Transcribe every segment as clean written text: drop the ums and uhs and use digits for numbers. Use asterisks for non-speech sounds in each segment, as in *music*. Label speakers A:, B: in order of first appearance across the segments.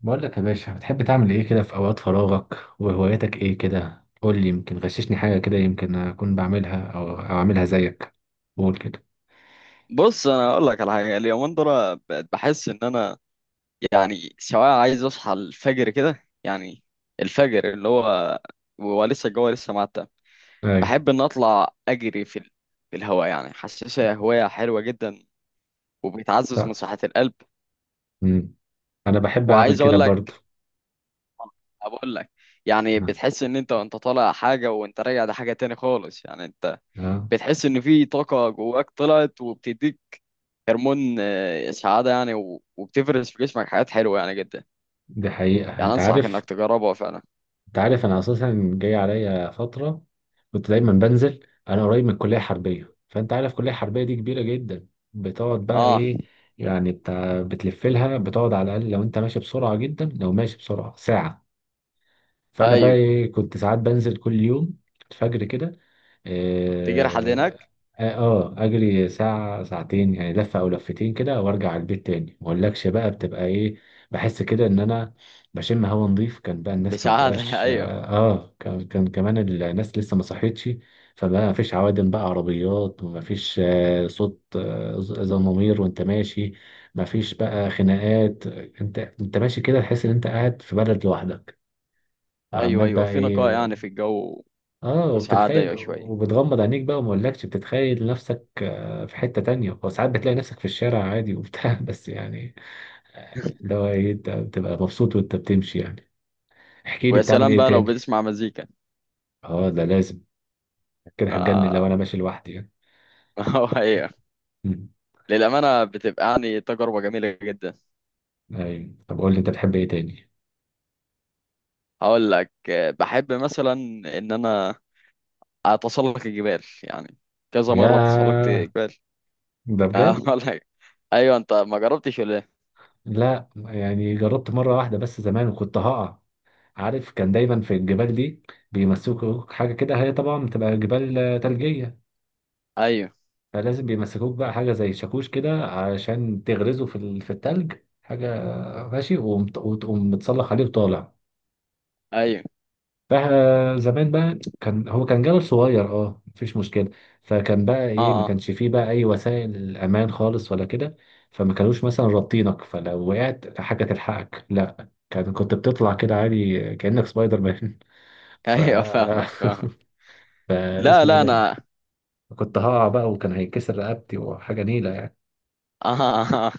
A: بقول لك يا باشا، بتحب تعمل ايه كده في اوقات فراغك وهواياتك ايه كده؟ قول لي، يمكن غششني حاجه كده يمكن اكون بعملها او اعملها زيك. قول كده.
B: بص انا اقول لك على حاجه اليومين دول. بقت بحس ان انا يعني سواء عايز اصحى الفجر كده، يعني الفجر اللي هو ولسه الجو لسه معتم،
A: ايوه.
B: بحب ان اطلع اجري في الهواء. يعني حاسسها هوايه حلوه جدا، وبتعزز من
A: لا.
B: صحه القلب.
A: امم انا بحب اعمل
B: وعايز
A: كده
B: اقول
A: برضه.
B: لك *laughs* بقول لك يعني
A: اه.
B: بتحس ان انت وانت طالع حاجه وانت راجع ده حاجه تاني خالص. يعني انت
A: آه،
B: بتحس ان في طاقه جواك طلعت وبتديك هرمون سعاده، يعني و- وبتفرز في جسمك حاجات حلوه يعني جدا.
A: دي حقيقه
B: يعني
A: انت
B: انصحك
A: عارف
B: انك تجربها فعلا.
A: انت عارف انا اساسا جاي عليا فتره كنت دايما بنزل، انا قريب من الكليه الحربيه، فانت عارف الكليه الحربيه دي كبيره جدا، بتقعد بقى
B: اه،
A: ايه يعني، بتاع بتلف لها بتقعد على الاقل لو انت ماشي بسرعه جدا، لو ماشي بسرعه ساعه. فانا بقى
B: ايوه،
A: ايه، كنت ساعات بنزل كل يوم الفجر كده.
B: تيجي رحلة
A: اه.
B: هناك.
A: اجري ساعة ساعتين يعني، لفة او لفتين كده وارجع على البيت تاني. ما اقولكش بقى بتبقى ايه، بحس كده ان انا بشم هوا نظيف. كان بقى الناس ما
B: بسعادة *laughs*
A: بتبقاش
B: ايوه.
A: اه. كان كمان الناس لسه ما صحتش، فبقى ما فيش عوادم بقى عربيات، وما فيش صوت زمامير وانت ماشي، ما فيش بقى خناقات، انت ماشي كده تحس ان انت قاعد في بلد لوحدك
B: ايوه
A: وعمال
B: ايوه،
A: بقى
B: في نقاء
A: ايه.
B: يعني في الجو.
A: اه،
B: وسعادة،
A: وبتتخيل
B: ايوه، شوية.
A: وبتغمض عينيك بقى، وما اقولكش بتتخيل نفسك في حتة تانية، وساعات بتلاقي نفسك في الشارع عادي وبتاع *laughs* بس يعني اللي هو ايه، انت بتبقى مبسوط وانت بتمشي يعني. احكي لي
B: ويا
A: بتعمل
B: سلام
A: ايه
B: بقى لو
A: تاني.
B: بتسمع مزيكا.
A: اه ده لازم، كده هتجنن لو
B: آه.
A: انا ماشي لوحدي يعني.
B: *laughs* ايوه.
A: مم.
B: للأمانة بتبقى يعني تجربة جميلة جدا.
A: ايوه، طب قول لي انت بتحب ايه تاني.
B: هقول لك بحب مثلا ان انا اتسلق الجبال، يعني كذا مرة تسلقت
A: ياه،
B: جبال.
A: ده
B: *laughs*
A: بجد.
B: هقول لك، ايوه، انت ما جربتش ولا ايه؟
A: لا يعني جربت مرة واحدة بس زمان، وكنت هقع. عارف كان دايما في الجبال دي بيمسكوا حاجة كده، هي طبعا بتبقى جبال تلجية،
B: ايوه
A: فلازم بيمسكوك بقى حاجة زي شاكوش كده عشان تغرزه في التلج. حاجة ماشي وتقوم متصلح عليه وطالع.
B: ايوه.
A: فزمان بقى كان هو كان جبل صغير، اه، مفيش مشكلة، فكان بقى ايه، ما
B: اه اه.
A: كانش فيه بقى اي وسائل امان خالص ولا كده، فما كانوش مثلا رابطينك فلو وقعت حاجة تلحقك، لا كان كنت بتطلع كده عادي كأنك سبايدر مان.
B: *laughs*
A: *laughs* ف
B: ايوه، فاهمك فاهمك.
A: *laughs*
B: لا
A: فاسمه ايه
B: لا
A: ده؟
B: انا *laughs*
A: كنت هقع بقى وكان هيتكسر رقبتي وحاجة نيلة يعني.
B: آه. آه.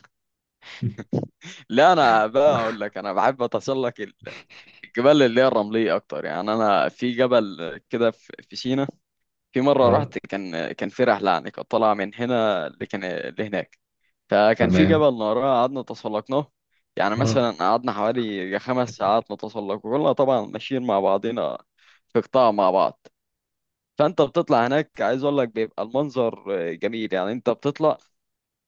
B: لا انا بقى اقول لك انا بحب اتسلق الجبال اللي هي الرمليه اكتر. يعني انا في جبل كده في سينا. في
A: *laughs*
B: مره
A: اه.
B: رحت، كان في رحله يعني كنت طالعه من هنا لكن لهناك، فكان في
A: تمام.
B: جبل ناراه قعدنا تسلقناه. يعني
A: اه.
B: مثلا قعدنا حوالي 5 ساعات نتسلق، وكلنا طبعا ماشيين مع بعضنا في قطاع مع بعض. فانت بتطلع هناك، عايز اقول لك بيبقى المنظر جميل، يعني انت بتطلع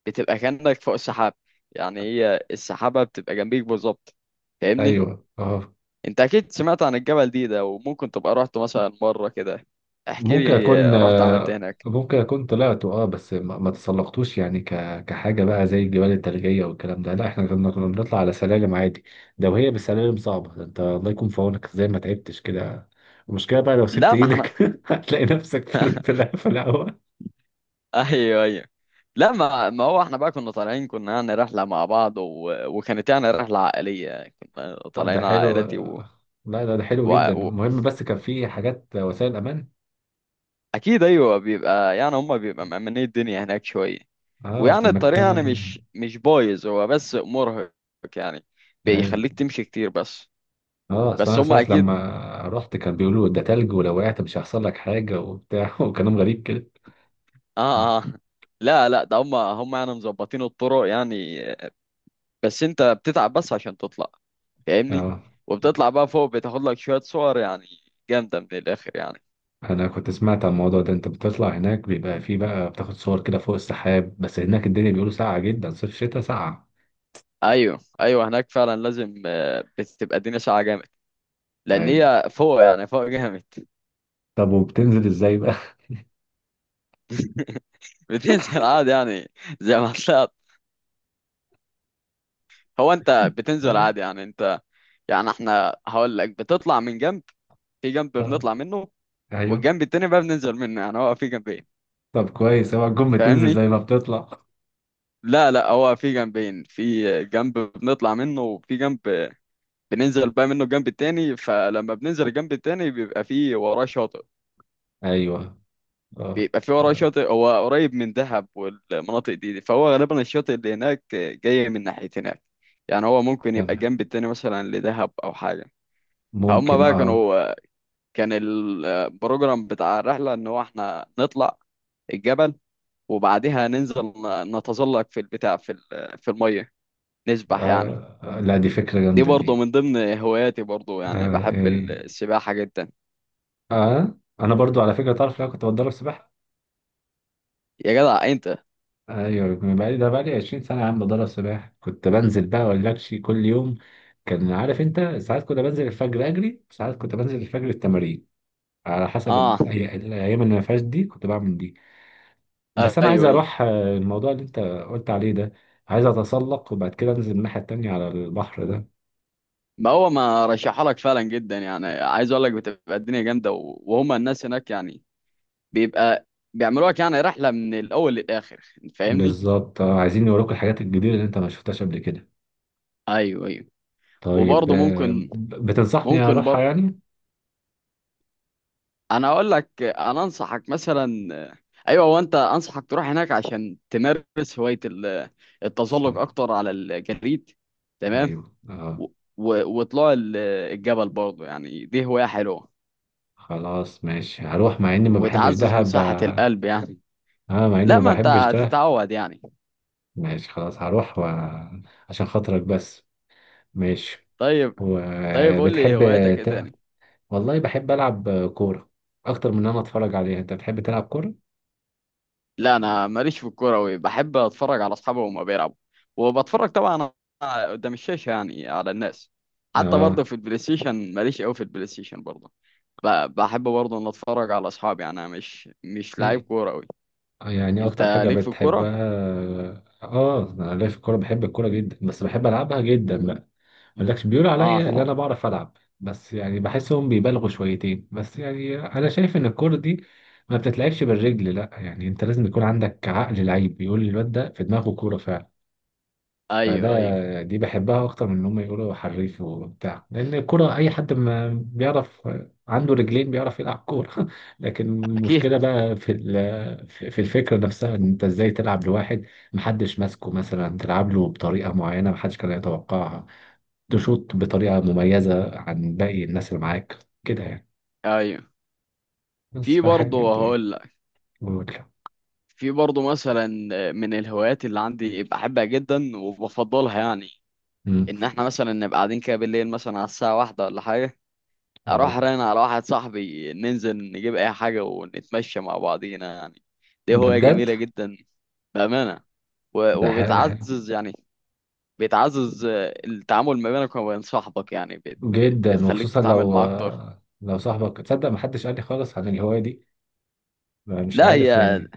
B: بتبقى كأنك فوق السحاب، يعني هي السحابة بتبقى جنبيك بالظبط. فاهمني؟
A: ايوه. اه.
B: انت اكيد سمعت عن الجبل دي ده، وممكن تبقى رحت مثلا مرة كده. احكي
A: ممكن اكون
B: لي رحت عملت إيه هناك.
A: ممكن اكون طلعته، اه، بس ما تسلقتوش يعني، كحاجه بقى زي الجبال الثلجيه والكلام ده. لا احنا كنا بنطلع على سلالم عادي، لو هي بالسلالم صعبه ده انت الله يكون في عونك، ازاي ما تعبتش كده. المشكله بقى لو سبت
B: لا ما احنا
A: ايدك *laughs* هتلاقي نفسك في
B: *laughs*
A: في الهواء.
B: ايوه ايوه. لا ما هو احنا بقى كنا طالعين، كنا يعني رحلة مع بعض وكانت يعني رحلة عائلية كنا
A: ده
B: طالعين
A: حلو،
B: عائلتي
A: لا ده ده حلو
B: و...
A: جدا.
B: و...
A: المهم بس كان في حاجات وسائل امان.
B: اكيد ايوه، بيبقى يعني هم بيبقى مأمنين الدنيا هناك شوية.
A: اه اصل
B: ويعني الطريق يعني مش بايظ هو، بس مرهق، يعني
A: ايوه.
B: بيخليك تمشي كتير بس.
A: اه، اصل
B: بس
A: انا
B: هم
A: ساعات
B: اكيد.
A: لما رحت كان بيقولوا ده تلج، ولو وقعت مش هيحصل لك حاجه وبتاع *laughs* وكلام غريب كده.
B: اه اه. *laughs* لا لا، ده هم يعني مظبطين الطرق يعني، بس انت بتتعب بس عشان تطلع. فاهمني؟
A: اه،
B: وبتطلع بقى فوق، بتاخد لك شوية صور يعني جامدة من الاخر يعني.
A: انا كنت سمعت عن الموضوع ده، انت بتطلع هناك بيبقى فيه بقى بتاخد صور كده فوق السحاب، بس هناك الدنيا بيقولوا ساقعه جدا، صيف شتاء ساقعه.
B: ايوه ايوه، هناك فعلا لازم بتبقى الدنيا ساعة جامد، لان
A: ايوه.
B: هي فوق يعني فوق جامد.
A: طب وبتنزل ازاي بقى؟
B: *laughs* بتنزل عادي يعني، زي ما طلعت. هو انت
A: *laughs*
B: بتنزل
A: اه.
B: عادي يعني. انت يعني احنا هقول لك بتطلع من جنب. في جنب
A: آه،
B: بنطلع منه،
A: ايوه،
B: والجنب التاني بقى بننزل منه. يعني هو في جنبين.
A: طب كويس، اوعى تكون بتنزل
B: فاهمني؟
A: زي ما بتطلع.
B: لا لا، هو في جنبين، في جنب بنطلع منه وفي جنب بننزل بقى منه الجنب التاني. فلما بننزل الجنب التاني بيبقى في وراه شاطئ.
A: ايوه. اه.
B: بيبقى في وراه
A: آه،.
B: شاطئ، هو قريب من دهب والمناطق دي فهو غالبا الشاطئ اللي هناك جاي من ناحية هناك. يعني هو ممكن يبقى
A: تمام.
B: الجنب التاني مثلا لدهب او حاجة. فهم
A: ممكن
B: بقى
A: اه.
B: كانوا، كان البروجرام بتاع الرحلة إن هو إحنا نطلع الجبل، وبعدها ننزل ن- نتزلق في البتاع في المية، نسبح يعني.
A: لا دي فكره
B: دي
A: جامده
B: برضه
A: دي.
B: من ضمن هواياتي، برضه يعني
A: آه.
B: بحب
A: إيه.
B: السباحة جدا.
A: اه، انا برضو على فكره تعرف لو كنت بتدرب سباحه.
B: يا جدع أنت.
A: ايوه، من بقالي ده بقالي 20 سنه يا عم بتدرب سباحه، كنت بنزل بقى ولاكشي كل يوم. كان عارف انت ساعات كنت بنزل الفجر اجري، ساعات كنت بنزل الفجر التمارين، على حسب
B: آه،
A: الايام اللي ما فيهاش دي كنت بعمل دي. بس انا عايز
B: أيوه أيوه.
A: اروح الموضوع اللي انت قلت عليه ده، عايز اتسلق وبعد كده انزل الناحيه التانيه على البحر ده.
B: ما هو ما رشحها لك فعلا جدا، يعني عايز أقول لك بتبقى الدنيا جامدة و- وهما الناس هناك يعني بيبقى بيعملوا لك يعني رحلة من الأول للآخر. فاهمني؟
A: بالظبط، عايزين نوروك الحاجات الجديده اللي انت ما شفتهاش قبل كده.
B: أيوه أيوه.
A: طيب
B: وبرضه ممكن،
A: بتنصحني
B: ممكن
A: اروحها
B: برضه.
A: يعني؟
B: انا اقول لك انا انصحك مثلا، ايوه، وانت انصحك تروح هناك عشان تمارس هوايه
A: بس-
B: التزلج اكتر على الجليد. تمام.
A: ايوه. اه.
B: و- و- وطلوع الجبل برضه، يعني دي هوايه حلوه
A: خلاص ماشي هروح، مع اني ما بحبش
B: وبتعزز من
A: دهب
B: صحه
A: بقى.
B: القلب يعني.
A: اه مع اني
B: لا
A: ما
B: ما انت
A: بحبش دهب.
B: هتتعود يعني.
A: ماشي خلاص هروح و... عشان خاطرك بس. ماشي.
B: طيب. طيب قول لي
A: وبتحب
B: هواياتك ايه
A: ت...
B: تاني.
A: والله بحب العب كورة، اكتر من ان انا اتفرج عليها. انت بتحب تلعب كورة؟
B: لا انا ماليش في الكوره أوي، بحب اتفرج على اصحابي وهما بيلعبوا، وبتفرج طبعا قدام الشاشه يعني على الناس. حتى برضه
A: اه.
B: في البلاي ستيشن ماليش قوي في البلاي ستيشن برضه. ب- بحب برضه ان اتفرج على اصحابي، يعني انا مش مش لعيب
A: إيه؟
B: كوره أوي.
A: يعني اكتر
B: انت
A: حاجة
B: ليك في الكوره؟
A: بتحبها. اه انا ليا في الكورة، بحب الكورة جدا بس بحب العبها جدا بقى. مقولكش بيقولوا
B: اه
A: عليا اللي انا بعرف العب، بس يعني بحسهم بيبالغوا شويتين، بس يعني انا شايف ان الكوره دي ما بتتلعبش بالرجل، لا يعني انت لازم يكون عندك عقل لعيب، بيقول لي الواد ده في دماغه كوره فعلا.
B: ايوه ايوه،
A: فده دي بحبها اكتر من ان هم يقولوا حريف وبتاع، لان الكوره اي حد ما بيعرف عنده رجلين بيعرف يلعب كوره. *laughs* لكن
B: اكيد
A: المشكله بقى في في الفكره نفسها، ان انت ازاي تلعب لواحد محدش ماسكه، مثلا تلعب له بطريقه معينه محدش كان يتوقعها، تشوط بطريقة مميزة عن باقي الناس اللي معاك كده يعني،
B: ايوه.
A: بس
B: في برضه
A: فالحاجة دي
B: هقول لك،
A: مملة.
B: في برضه مثلا من الهوايات اللي عندي بحبها جدا وبفضلها يعني،
A: مم.
B: ان احنا مثلا نبقى قاعدين كده بالليل مثلا على الساعه واحدة ولا حاجه، اروح
A: آه.
B: رن على واحد صاحبي، ننزل نجيب اي حاجه ونتمشى مع بعضينا يعني. دي
A: ده
B: هوايه
A: بجد.
B: جميله جدا، بامانه، و-
A: ده حلو. ده حلو
B: وبتعزز يعني، بتعزز التعامل ما بينك وما بين صاحبك، يعني بت-
A: جدا،
B: بتخليك
A: وخصوصا
B: تتعامل
A: لو
B: معاه اكتر.
A: لو صاحبك. تصدق محدش قال لي خالص عن الهواية دي، ما مش
B: لا
A: عارف
B: هي
A: يعني.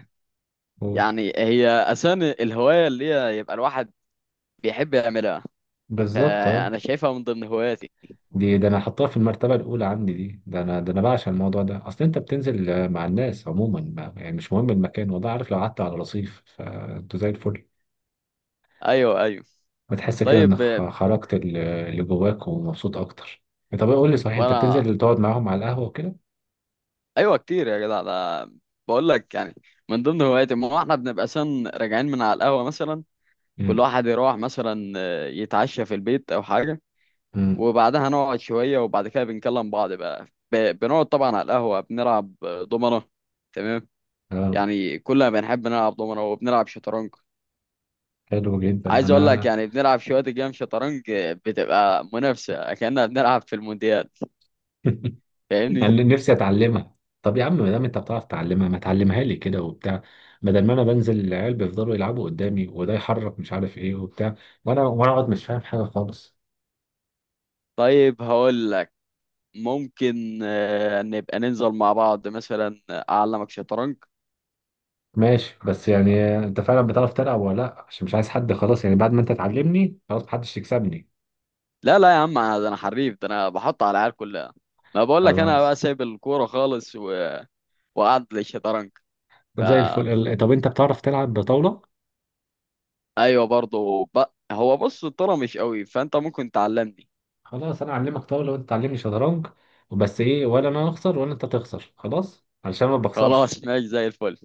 A: قول.
B: يعني هي اساسا الهوايه اللي هي يبقى الواحد بيحب يعملها.
A: بالظبط اه.
B: فانا شايفها من ضمن هواياتي.
A: دي ده انا حطها في المرتبة الأولى عندي، دي ده انا ده انا بعشق الموضوع ده، اصل انت بتنزل مع الناس عموما، يعني مش مهم المكان، والله عارف لو قعدت على رصيف فانتوا زي الفل.
B: ايوه ايوه.
A: بتحس كده انك
B: طيب
A: خرجت اللي جواك ومبسوط اكتر. طب قول لي صحيح، انت
B: وانا
A: بتنزل تقعد معاهم على القهوه وكده؟
B: ايوه كتير يا جدع ده. بقول لك يعني من ضمن هواياتي، ما هو احنا بنبقى سن راجعين من على القهوه مثلا، كل
A: امم.
B: واحد يروح مثلا يتعشى في البيت او حاجه،
A: امم.
B: وبعدها نقعد شويه، وبعد كده بنكلم بعض بقى. ب- بنقعد طبعا على القهوه، بنلعب دومنه. تمام.
A: اه.
B: يعني كلنا بنحب نلعب دومنه، وبنلعب شطرنج.
A: حلو جدا
B: عايز اقول لك
A: انا.
B: يعني بنلعب شويه جيم شطرنج، بتبقى منافسه كأننا بنلعب في المونديال.
A: *laughs*
B: فاهمني؟
A: انا نفسي اتعلمها. طب يا عم ما دام انت بتعرف تعلمها، ما تعلمها لي كده وبتاع، بدل ما انا بنزل العيال بيفضلوا يلعبوا قدامي، وده يحرك مش عارف ايه وبتاع، وانا اقعد مش فاهم حاجه خالص.
B: طيب هقول لك ممكن نبقى ننزل مع بعض مثلا اعلمك شطرنج.
A: ماشي، بس يعني انت فعلا بتعرف تلعب ولا لا؟ عشان مش عايز حد، خلاص يعني بعد ما انت تعلمني خلاص محدش يكسبني.
B: لا لا يا عم انا، ده انا حريف، ده انا بحط على العيال كلها. ما بقول لك انا بقى
A: خلاص.
B: سايب الكوره خالص وقعد للشطرنج. ف
A: طب زي الفل طب انت بتعرف تلعب بطاولة؟
B: ايوه برضه هو بص الطرا مش قوي، فانت ممكن تعلمني.
A: خلاص انا اعلمك طاولة وانت تعلمني شطرنج. بس ايه ولا انا اخسر ولا انت تخسر، خلاص علشان ما بخسرش.
B: خلاص ماشي زي الفل،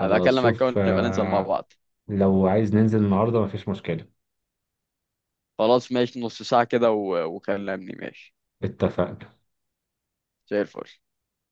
B: ابقى اكلمك
A: شوف
B: كون نبقى ننزل مع بعض.
A: لو عايز ننزل النهاردة مفيش مشكلة.
B: خلاص ماشي، نص ساعه كده وكلمني، ماشي.
A: اتفقنا.
B: زي الفل.